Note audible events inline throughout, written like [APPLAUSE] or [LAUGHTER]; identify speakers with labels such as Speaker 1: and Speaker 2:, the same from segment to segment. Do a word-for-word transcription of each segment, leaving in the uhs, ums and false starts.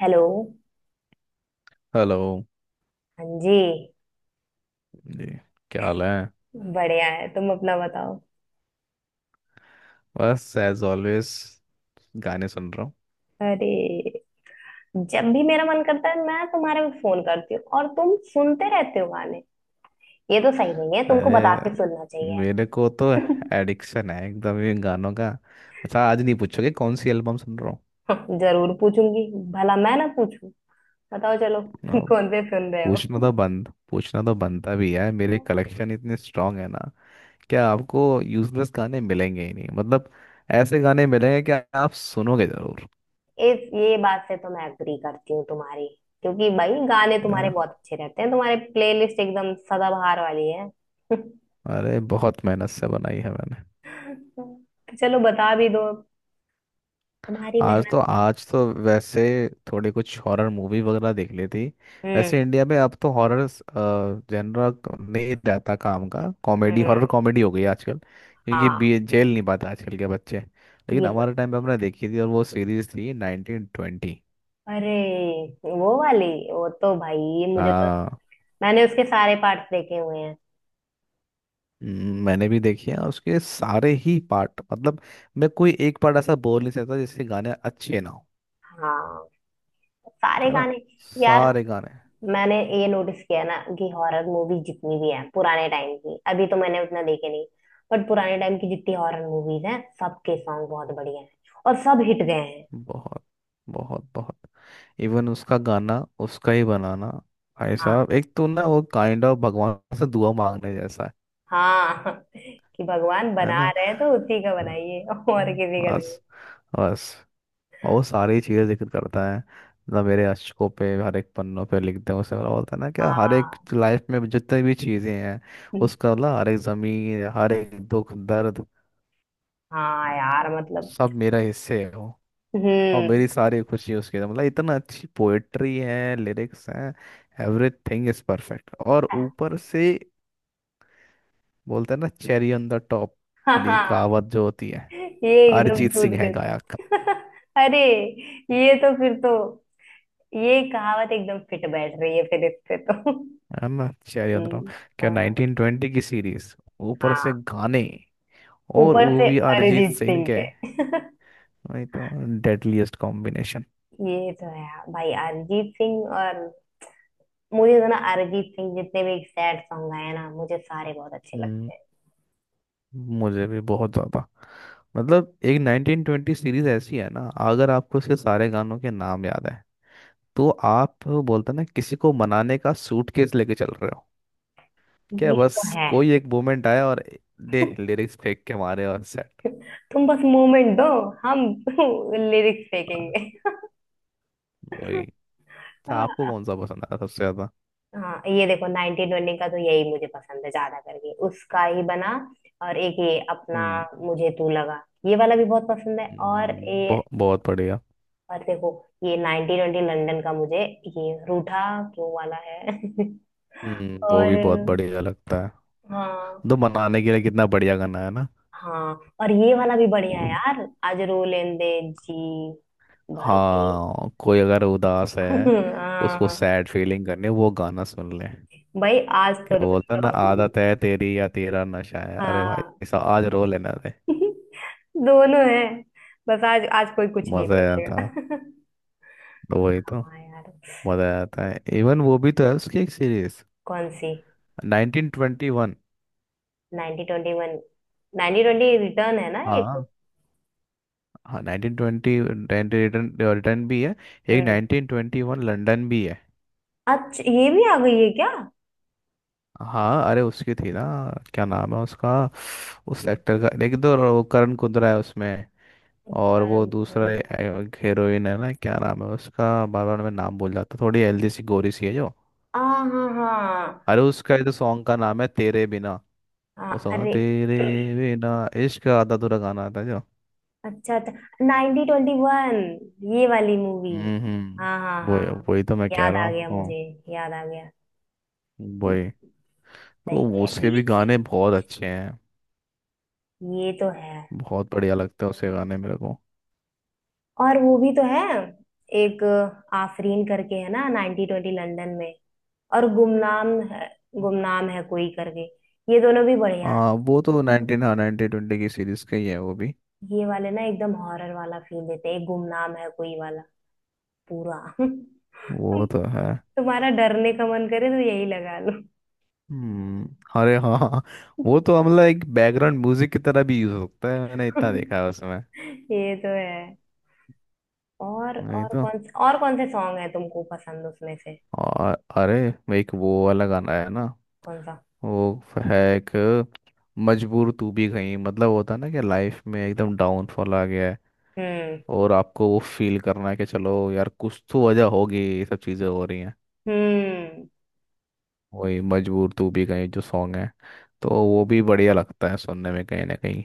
Speaker 1: Hello.
Speaker 2: Hello
Speaker 1: हाँ जी।
Speaker 2: जी। क्या हाल है?
Speaker 1: बढ़िया है, तुम अपना बताओ।
Speaker 2: बस एज ऑलवेज गाने सुन रहा हूँ।
Speaker 1: अरे, जब भी मेरा मन करता है मैं तुम्हारे को फोन करती हूँ और तुम सुनते रहते हो गाने। ये तो सही नहीं है, तुमको बता
Speaker 2: अरे
Speaker 1: के सुनना चाहिए।
Speaker 2: मेरे को तो एडिक्शन है एकदम ये गानों का। अच्छा, आज नहीं पूछोगे कौन सी एल्बम सुन रहा
Speaker 1: [LAUGHS] जरूर पूछूंगी, भला मैं ना पूछूं। बताओ चलो।
Speaker 2: हूँ?
Speaker 1: [LAUGHS] कौन
Speaker 2: अ,
Speaker 1: से सुन रहे
Speaker 2: पूछना
Speaker 1: हो?
Speaker 2: तो बंद पूछना तो बनता भी है। मेरे कलेक्शन इतने स्ट्रांग है ना, क्या आपको यूजलेस गाने मिलेंगे ही नहीं। मतलब ऐसे गाने मिलेंगे कि आप सुनोगे जरूर।
Speaker 1: इस ये बात से तो मैं एग्री करती हूँ तुम्हारी, क्योंकि भाई गाने
Speaker 2: है
Speaker 1: तुम्हारे
Speaker 2: ना।
Speaker 1: बहुत अच्छे रहते हैं, तुम्हारे प्लेलिस्ट एकदम सदाबहार वाली है। [LAUGHS]
Speaker 2: अरे बहुत मेहनत से बनाई है मैंने।
Speaker 1: तो चलो बता भी दो, तुम्हारी
Speaker 2: आज तो
Speaker 1: मेहनत।
Speaker 2: आज तो वैसे थोड़ी कुछ हॉरर मूवी वगैरह देख ली थी।
Speaker 1: हम्म
Speaker 2: वैसे इंडिया में अब तो हॉरर जनरल नहीं रहता काम का। कॉमेडी
Speaker 1: हम्म
Speaker 2: हॉरर कॉमेडी हो गई आजकल, क्योंकि
Speaker 1: हाँ,
Speaker 2: बी जेल नहीं पाते आजकल के बच्चे। लेकिन
Speaker 1: ये तो।
Speaker 2: हमारे टाइम पे हमने देखी थी, और वो सीरीज थी नाइनटीन ट्वेंटी।
Speaker 1: अरे, वो वाली। वो तो भाई, ये मुझे तो।
Speaker 2: हाँ।
Speaker 1: मैंने उसके सारे पार्ट्स देखे हुए हैं।
Speaker 2: हम्म, मैंने भी देखी है, और उसके सारे ही पार्ट मतलब मैं कोई एक पार्ट ऐसा बोल नहीं सकता जिसके गाने अच्छे ना हो।
Speaker 1: हाँ, सारे
Speaker 2: है ना।
Speaker 1: गाने। यार,
Speaker 2: सारे गाने
Speaker 1: मैंने ये नोटिस किया ना कि हॉरर मूवी जितनी भी है पुराने टाइम की, अभी तो मैंने उतना देखे नहीं। बट पुराने टाइम की जितनी हॉरर मूवीज हैं, सबके सॉन्ग बहुत बढ़िया हैं और सब हिट गए हैं।
Speaker 2: बहुत बहुत बहुत इवन उसका गाना, उसका ही बनाना भाई
Speaker 1: हाँ।
Speaker 2: साहब एक तो ना वो काइंड ऑफ भगवान से दुआ मांगने जैसा है।
Speaker 1: हाँ। [LAUGHS] कि भगवान
Speaker 2: है
Speaker 1: बना
Speaker 2: ना।
Speaker 1: रहे हैं तो उसी का बनाइए और
Speaker 2: हम्म।
Speaker 1: किसी का नहीं।
Speaker 2: बस, बस और वो सारी चीजें जिक्र करता है। मतलब मेरे अशकों पे हर एक पन्नों पे लिखते हैं उसे, मतलब होता है ना क्या, हर एक
Speaker 1: हाँ,
Speaker 2: लाइफ में जितनी भी चीजें हैं, उसका मतलब हर एक जमीन, हर एक दुख दर्द
Speaker 1: हाँ यार मतलब।
Speaker 2: सब मेरा हिस्से है वो।
Speaker 1: हम्म।
Speaker 2: और मेरी सारी खुशी उसके अंदर। मतलब इतना अच्छी पोएट्री है, लिरिक्स हैं, एवरीथिंग इज परफेक्ट। और ऊपर से बोलते हैं ना चेरी ऑन द टॉप
Speaker 1: हाँ
Speaker 2: वाली
Speaker 1: हाँ,
Speaker 2: कहावत जो होती है,
Speaker 1: ये एकदम
Speaker 2: अरिजीत
Speaker 1: टूट
Speaker 2: सिंह है
Speaker 1: गई।
Speaker 2: गायक।
Speaker 1: [LAUGHS] अरे, ये तो फिर तो, ये कहावत एकदम फिट बैठ रही है फिर इस पे तो।
Speaker 2: है ना, चेरी ऑन द टॉप।
Speaker 1: हम्म,
Speaker 2: क्या
Speaker 1: हाँ
Speaker 2: नाइनटीन ट्वेंटी की सीरीज, ऊपर से
Speaker 1: हाँ।
Speaker 2: गाने, और
Speaker 1: ऊपर
Speaker 2: वो
Speaker 1: से
Speaker 2: भी
Speaker 1: बिल्कुल
Speaker 2: अरिजीत
Speaker 1: अरिजीत
Speaker 2: सिंह
Speaker 1: सिंह के।
Speaker 2: के। वही तो, डेडलीस्ट कॉम्बिनेशन।
Speaker 1: ये तो है। भाई अरिजीत सिंह और, मुझे तो ना अरिजीत सिंह जितने भी सैड सॉन्ग आए ना मुझे सारे बहुत अच्छे
Speaker 2: हम्म,
Speaker 1: लगते
Speaker 2: मुझे भी बहुत ज्यादा। मतलब एक नाइनटीन ट्वेंटी सीरीज ऐसी है ना, अगर आपको उसके सारे गानों के नाम याद है तो आप बोलते हैं ना किसी को मनाने का सूटकेस लेके चल रहे हो।
Speaker 1: हैं।
Speaker 2: क्या
Speaker 1: ये
Speaker 2: बस,
Speaker 1: तो है।
Speaker 2: कोई एक मोमेंट आया और दे लिरिक्स फेंक के मारे और सेट।
Speaker 1: तुम बस मोमेंट दो, हम [LAUGHS] लिरिक्स फेंकेंगे।
Speaker 2: वही। अच्छा, आपको कौन सा पसंद आया सबसे ज्यादा?
Speaker 1: हाँ, ये देखो, नाइनटीन ट्वेंटी का तो यही मुझे पसंद है ज्यादा करके, उसका ही बना। और एक ये अपना,
Speaker 2: हम्म
Speaker 1: मुझे तू लगा ये वाला भी बहुत पसंद है, और
Speaker 2: हम्म,
Speaker 1: ये,
Speaker 2: बहु, बहुत बढ़िया।
Speaker 1: और देखो, ये नाइनटीन ट्वेंटी लंदन का मुझे, ये रूठा क्यों वाला है। [LAUGHS]
Speaker 2: हम्म, वो
Speaker 1: और,
Speaker 2: भी बहुत बढ़िया लगता है।
Speaker 1: हाँ।
Speaker 2: तो मनाने के लिए कितना बढ़िया गाना है ना।
Speaker 1: हाँ, और ये वाला भी बढ़िया है यार, आज रो लेंदे जी भर के।
Speaker 2: हाँ, कोई अगर उदास है,
Speaker 1: [LAUGHS]
Speaker 2: उसको
Speaker 1: हाँ,
Speaker 2: सैड फीलिंग करनी है, वो गाना सुन ले।
Speaker 1: भाई आज तो
Speaker 2: क्या बोलता है
Speaker 1: रो
Speaker 2: ना,
Speaker 1: लो।
Speaker 2: आदत है तेरी या तेरा नशा है,
Speaker 1: [LAUGHS]
Speaker 2: अरे
Speaker 1: हाँ।
Speaker 2: भाई साहब आज रो लेना रे।
Speaker 1: [LAUGHS] दोनों है, बस आज आज कोई कुछ नहीं
Speaker 2: मजा आया था।
Speaker 1: बोलेगा। [LAUGHS]
Speaker 2: वही तो।
Speaker 1: हाँ यार।
Speaker 2: मजा आता है। इवन वो भी तो है उसकी एक सीरीज,
Speaker 1: कौन सी?
Speaker 2: Nineteen twenty one.
Speaker 1: Ninety twenty one. Ninety twenty return है ना एक।
Speaker 2: हाँ। हाँ, नाइनटीन ट्वेंटी रिटर्न रिटर्न भी है, एक
Speaker 1: हम्म।
Speaker 2: नाइनटीन ट्वेंटी वन लंदन भी है।
Speaker 1: अच्छा, ये भी आ गई है क्या?
Speaker 2: हाँ, अरे उसकी थी ना, क्या नाम है उसका, उस एक्टर का? एक तो वो करण कुंद्रा है उसमें, और वो दूसरा
Speaker 1: आ।
Speaker 2: हीरोइन है ना, क्या नाम है उसका? बार बार मैं नाम भूल जाता। थोड़ी हेल्दी सी, गोरी सी है जो।
Speaker 1: हाँ हाँ हाँ,
Speaker 2: अरे उसका ये तो सॉन्ग का नाम है तेरे बिना। वो
Speaker 1: हाँ,
Speaker 2: सॉन्ग,
Speaker 1: अरे।
Speaker 2: तेरे बिना इश्क आधा अधूरा गाना आता है जो।
Speaker 1: अच्छा अच्छा, नाइनटी ट्वेंटी वन, ये वाली मूवी।
Speaker 2: हम्म हम्म,
Speaker 1: हाँ हाँ
Speaker 2: वो
Speaker 1: हाँ,
Speaker 2: वही तो मैं कह
Speaker 1: याद
Speaker 2: रहा हूँ
Speaker 1: आ गया
Speaker 2: आपको।
Speaker 1: मुझे, याद आ गया। हम्म,
Speaker 2: वही तो।
Speaker 1: सही है।
Speaker 2: उसके भी गाने बहुत अच्छे हैं।
Speaker 1: ये तो है।
Speaker 2: बहुत बढ़िया लगता है उसके गाने मेरे को।
Speaker 1: और वो भी तो है, एक आफरीन करके है ना नाइनटी ट्वेंटी लंदन में, और गुमनाम है, गुमनाम है कोई करके, ये दोनों भी बढ़िया है।
Speaker 2: हाँ, वो तो नाइनटीन हाँ नाइनटीन ट्वेंटी की सीरीज का ही है वो भी।
Speaker 1: ये वाले ना एकदम हॉरर वाला फील देते हैं, एक गुमनाम है कोई वाला, पूरा। [LAUGHS]
Speaker 2: वो तो है।
Speaker 1: तुम्हारा डरने का मन करे तो यही लगा लो।
Speaker 2: हम्म। अरे हाँ हाँ, हाँ। वो तो मतलब एक बैकग्राउंड म्यूजिक की तरह भी यूज होता है, मैंने इतना देखा
Speaker 1: [LAUGHS]
Speaker 2: है उसमें।
Speaker 1: ये तो है। और
Speaker 2: नहीं
Speaker 1: और
Speaker 2: तो।
Speaker 1: कौन से, और कौन से सॉन्ग है तुमको पसंद उसमें से?
Speaker 2: और अरे वो एक वो वाला गाना है ना,
Speaker 1: कौन सा?
Speaker 2: वो है एक, मजबूर तू भी कहीं। मतलब होता है ना कि लाइफ में एकदम डाउनफॉल आ गया है,
Speaker 1: हम्म
Speaker 2: और आपको वो फील करना है कि चलो यार कुछ तो वजह होगी ये सब चीज़ें हो रही हैं।
Speaker 1: हम्म।
Speaker 2: वही मजबूर तू भी कहीं जो सॉन्ग है, तो वो भी बढ़िया लगता है सुनने में कहीं ना कहीं।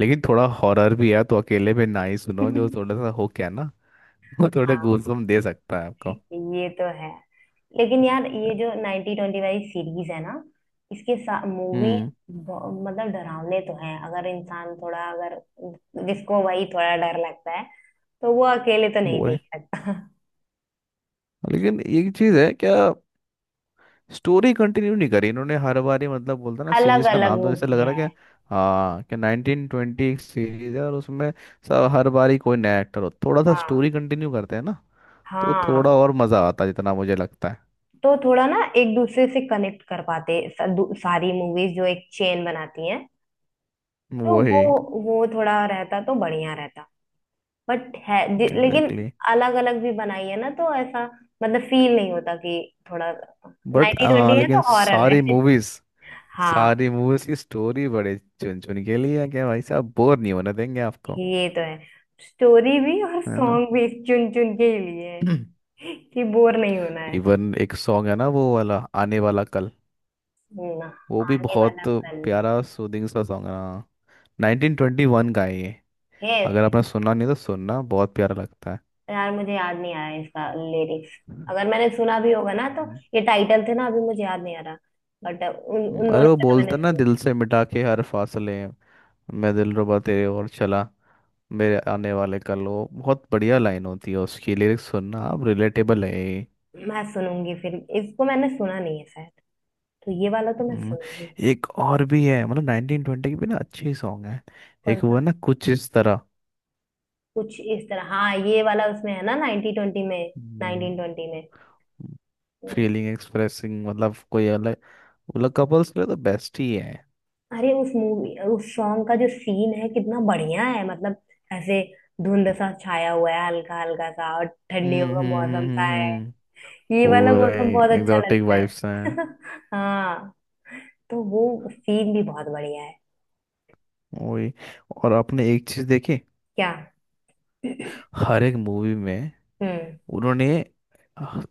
Speaker 2: लेकिन थोड़ा हॉरर भी है, तो अकेले में ना ही सुनो
Speaker 1: [LAUGHS]
Speaker 2: जो थोड़ा सा हो क्या ना। [LAUGHS] वो थोड़े
Speaker 1: हाँ,
Speaker 2: गूज़बम्प दे सकता है आपको।
Speaker 1: ये तो है। लेकिन यार, ये जो नाइनटी ट्वेंटी वाली सीरीज है ना, इसके साथ मूवी,
Speaker 2: हम्म।
Speaker 1: मतलब डरावने तो हैं। अगर इंसान थोड़ा, अगर जिसको वही थोड़ा डर लगता है, तो वो अकेले तो नहीं
Speaker 2: वो है।
Speaker 1: देख सकता। [LAUGHS]
Speaker 2: लेकिन एक चीज़ है क्या, स्टोरी कंटिन्यू नहीं करी इन्होंने हर बार ही। मतलब बोलता ना
Speaker 1: अलग
Speaker 2: सीरीज का
Speaker 1: अलग
Speaker 2: नाम तो
Speaker 1: वो
Speaker 2: जैसे लग
Speaker 1: किया
Speaker 2: रहा क्या।
Speaker 1: है।
Speaker 2: हाँ, कि नाइनटीन ट्वेंटी एक सीरीज है और उसमें सब हर बार ही कोई नया एक्टर हो, थोड़ा सा
Speaker 1: हाँ
Speaker 2: स्टोरी कंटिन्यू करते हैं ना, तो थोड़ा
Speaker 1: हाँ।
Speaker 2: और मजा आता है जितना मुझे लगता है।
Speaker 1: तो थोड़ा ना एक दूसरे से कनेक्ट कर पाते, स- दू- सारी मूवीज जो एक चेन बनाती हैं, तो वो
Speaker 2: वही,
Speaker 1: वो थोड़ा रहता तो बढ़िया रहता। बट है, दि- लेकिन
Speaker 2: एग्जैक्टली।
Speaker 1: अलग अलग भी बनाई है ना, तो ऐसा मतलब फील नहीं होता कि थोड़ा,
Speaker 2: बट
Speaker 1: नाइनटी ट्वेंटी
Speaker 2: हाँ,
Speaker 1: है
Speaker 2: लेकिन
Speaker 1: हाँ तो हॉरर
Speaker 2: सारी
Speaker 1: है।
Speaker 2: मूवीज,
Speaker 1: [LAUGHS] हाँ,
Speaker 2: सारी मूवीज की स्टोरी बड़े चुन चुन के लिए है। क्या भाई साहब बोर नहीं होने देंगे आपको।
Speaker 1: ये तो है। स्टोरी भी और
Speaker 2: है ना।
Speaker 1: सॉन्ग भी चुन चुन के ही लिए है,
Speaker 2: [CLEARS THROAT]
Speaker 1: कि बोर नहीं होना है।
Speaker 2: इवन एक सॉन्ग है ना वो वाला, आने वाला कल,
Speaker 1: ना,
Speaker 2: वो भी
Speaker 1: आने
Speaker 2: बहुत
Speaker 1: वाला कल।
Speaker 2: प्यारा सूदिंग सा सॉन्ग है हाँ। नाइनटीन ट्वेंटी वन का है ये।
Speaker 1: यस।
Speaker 2: अगर आपने सुना नहीं तो सुनना, बहुत प्यारा लगता है।
Speaker 1: यार मुझे याद नहीं आ रहा है इसका लिरिक्स,
Speaker 2: हम्म।
Speaker 1: अगर मैंने सुना भी होगा ना तो,
Speaker 2: हम्म,
Speaker 1: ये टाइटल थे ना अभी मुझे याद नहीं आ रहा। बट उन उन
Speaker 2: अरे
Speaker 1: दोनों
Speaker 2: वो
Speaker 1: का तो मैंने
Speaker 2: बोलता ना,
Speaker 1: सुना
Speaker 2: दिल से मिटा के हर फासले मैं दिलरुबा तेरे और चला मेरे आने वाले कल। वो बहुत बढ़िया लाइन होती है उसकी। लिरिक्स सुनना आप, रिलेटेबल है ये।
Speaker 1: है। मैं सुनूंगी फिर, इसको मैंने सुना नहीं है शायद, तो ये वाला तो मैं
Speaker 2: हम्म,
Speaker 1: सुनूंगी।
Speaker 2: एक और भी है। मतलब नाइनटीन ट्वेंटी के भी ना अच्छे सॉन्ग है।
Speaker 1: कौन
Speaker 2: एक वो
Speaker 1: सा?
Speaker 2: है ना, कुछ इस तरह।
Speaker 1: कुछ इस तरह, हाँ ये वाला उसमें है ना, नाइनटी ट्वेंटी में, नाइनटीन ट्वेंटी में। हम्म।
Speaker 2: फीलिंग एक्सप्रेसिंग, मतलब कोई अलग, मतलब कपल्स के लिए तो बेस्ट ही है।
Speaker 1: अरे उस मूवी, उस सॉन्ग का जो सीन है कितना बढ़िया है मतलब, ऐसे धुंध सा छाया हुआ है हल्का हल्का सा, और ठंडियों
Speaker 2: हम्म
Speaker 1: का
Speaker 2: हम्म
Speaker 1: मौसम
Speaker 2: हम्म
Speaker 1: सा
Speaker 2: हम्म,
Speaker 1: है,
Speaker 2: हम्म।
Speaker 1: ये वाला
Speaker 2: पूरा
Speaker 1: मौसम हम्म
Speaker 2: ही
Speaker 1: बहुत अच्छा
Speaker 2: एग्जॉटिक
Speaker 1: लगता है।
Speaker 2: वाइब्स हैं।
Speaker 1: [LAUGHS] हाँ, तो वो सीन भी बहुत बढ़िया है।
Speaker 2: वही। और आपने एक चीज देखी,
Speaker 1: क्या?
Speaker 2: हर एक मूवी में
Speaker 1: हम्म।
Speaker 2: उन्होंने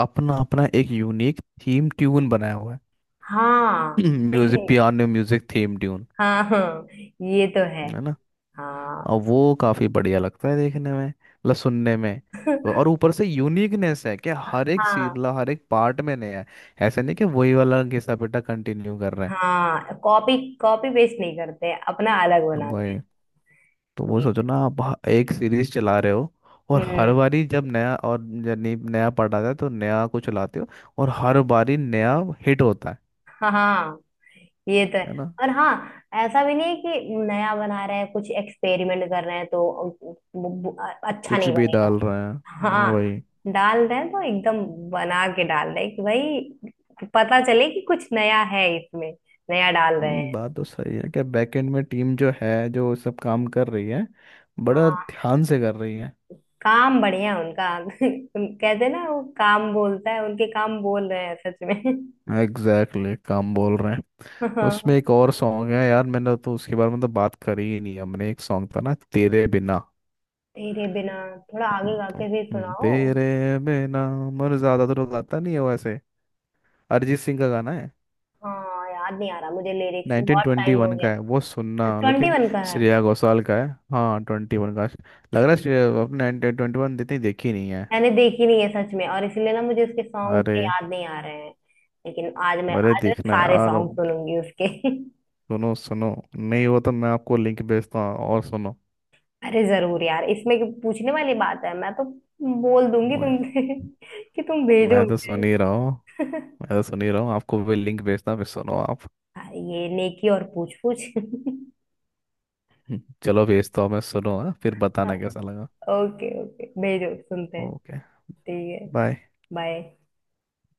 Speaker 2: अपना अपना एक यूनिक थीम ट्यून बनाया हुआ है।
Speaker 1: हाँ।
Speaker 2: [CLEARS THROAT] Music,
Speaker 1: [LAUGHS]
Speaker 2: piano music theme tune.
Speaker 1: हाँ हाँ, ये तो है।
Speaker 2: है ना।
Speaker 1: हाँ।
Speaker 2: और वो काफी बढ़िया लगता है देखने में, मतलब सुनने में। और ऊपर से यूनिकनेस है कि हर एक सी
Speaker 1: हाँ,
Speaker 2: मतलब हर एक पार्ट में नया है। ऐसा नहीं कि वही वाला घिसा पिटा कंटिन्यू कर रहे
Speaker 1: हाँ कॉपी कॉपी पेस्ट नहीं करते, अपना अलग
Speaker 2: हैं।
Speaker 1: बनाते
Speaker 2: वही तो।
Speaker 1: हैं।
Speaker 2: वो
Speaker 1: ये
Speaker 2: सोचो
Speaker 1: तो-।
Speaker 2: ना, आप ह- एक सीरीज चला रहे हो, और हर
Speaker 1: हम्म।
Speaker 2: बारी जब नया, और यानी नया पार्ट आता है तो नया को चलाते हो, और हर बारी नया हिट होता है।
Speaker 1: हाँ, ये तो
Speaker 2: है
Speaker 1: है
Speaker 2: ना।
Speaker 1: और हाँ, ऐसा भी नहीं है कि नया बना रहे हैं कुछ एक्सपेरिमेंट कर रहे हैं तो, वो- वो- अच्छा
Speaker 2: कुछ
Speaker 1: नहीं
Speaker 2: भी
Speaker 1: बनेगा।
Speaker 2: डाल रहे हैं
Speaker 1: हाँ,
Speaker 2: वही।
Speaker 1: डाल रहे हैं तो एकदम बना के डाल रहे हैं, कि भाई पता चले कि कुछ नया है इसमें, नया डाल रहे
Speaker 2: हम्म,
Speaker 1: हैं।
Speaker 2: बात तो सही है कि बैकएंड में टीम जो है जो सब काम कर रही है, बड़ा
Speaker 1: हाँ,
Speaker 2: ध्यान से कर रही है।
Speaker 1: काम बढ़िया है उनका। [LAUGHS] कहते हैं ना वो, काम बोलता है, उनके काम बोल रहे हैं सच में। [LAUGHS]
Speaker 2: एग्जैक्टली exactly, काम बोल रहे हैं। उसमें
Speaker 1: हाँ।
Speaker 2: एक और सॉन्ग है यार, मैंने तो उसके बारे में तो बात करी ही नहीं हमने, एक सॉन्ग था ना, तेरे बिना।
Speaker 1: तेरे बिना, थोड़ा आगे गा
Speaker 2: तो
Speaker 1: के भी
Speaker 2: हम्म,
Speaker 1: सुनाओ।
Speaker 2: तेरे बिना। मर ज्यादा तो रुलाता नहीं है वो ऐसे। अरिजीत सिंह का गाना है।
Speaker 1: हाँ, याद नहीं आ रहा मुझे लिरिक्स, बहुत टाइम हो
Speaker 2: नाइनटीन ट्वेंटी वन का
Speaker 1: गया।
Speaker 2: है वो, सुनना
Speaker 1: ट्वेंटी
Speaker 2: लेकिन।
Speaker 1: वन का है।
Speaker 2: श्रेया घोषाल का है। हाँ, ट्वेंटी वन का। लग रहा है श्रेया अपने। नाइनटीन ट्वेंटी वन इतनी देखी नहीं है।
Speaker 1: मैंने देखी नहीं है सच में, और इसीलिए ना मुझे उसके सॉन्ग
Speaker 2: अरे।
Speaker 1: उतने याद नहीं आ रहे हैं। लेकिन आज मैं,
Speaker 2: अरे
Speaker 1: आज मैं
Speaker 2: देखना
Speaker 1: सारे
Speaker 2: यार
Speaker 1: सॉन्ग
Speaker 2: अब,
Speaker 1: सुनूंगी उसके। [LAUGHS]
Speaker 2: सुनो सुनो, नहीं हो तो मैं आपको लिंक भेजता हूँ, और सुनो।
Speaker 1: अरे जरूर यार, इसमें क्यों- पूछने वाली बात है, मैं तो बोल दूंगी
Speaker 2: ओए,
Speaker 1: तुमसे [LAUGHS] कि तुम भेजो
Speaker 2: मैं तो
Speaker 1: मुझे।
Speaker 2: सुन ही रहा हूँ।
Speaker 1: [LAUGHS]
Speaker 2: मैं तो सुन ही रहा हूँ, आपको भी लिंक भेजता हूँ फिर सुनो आप। [LAUGHS]
Speaker 1: हाँ, ये नेकी और पूछ पूछ। [LAUGHS]
Speaker 2: हम्म, चलो भेजता हूँ मैं, सुनो हाँ? फिर
Speaker 1: हाँ।
Speaker 2: बताना कैसा लगा।
Speaker 1: ओके ओके, भेजो सुनते हैं।
Speaker 2: ओके।
Speaker 1: ठीक है।
Speaker 2: बाय।
Speaker 1: बाय।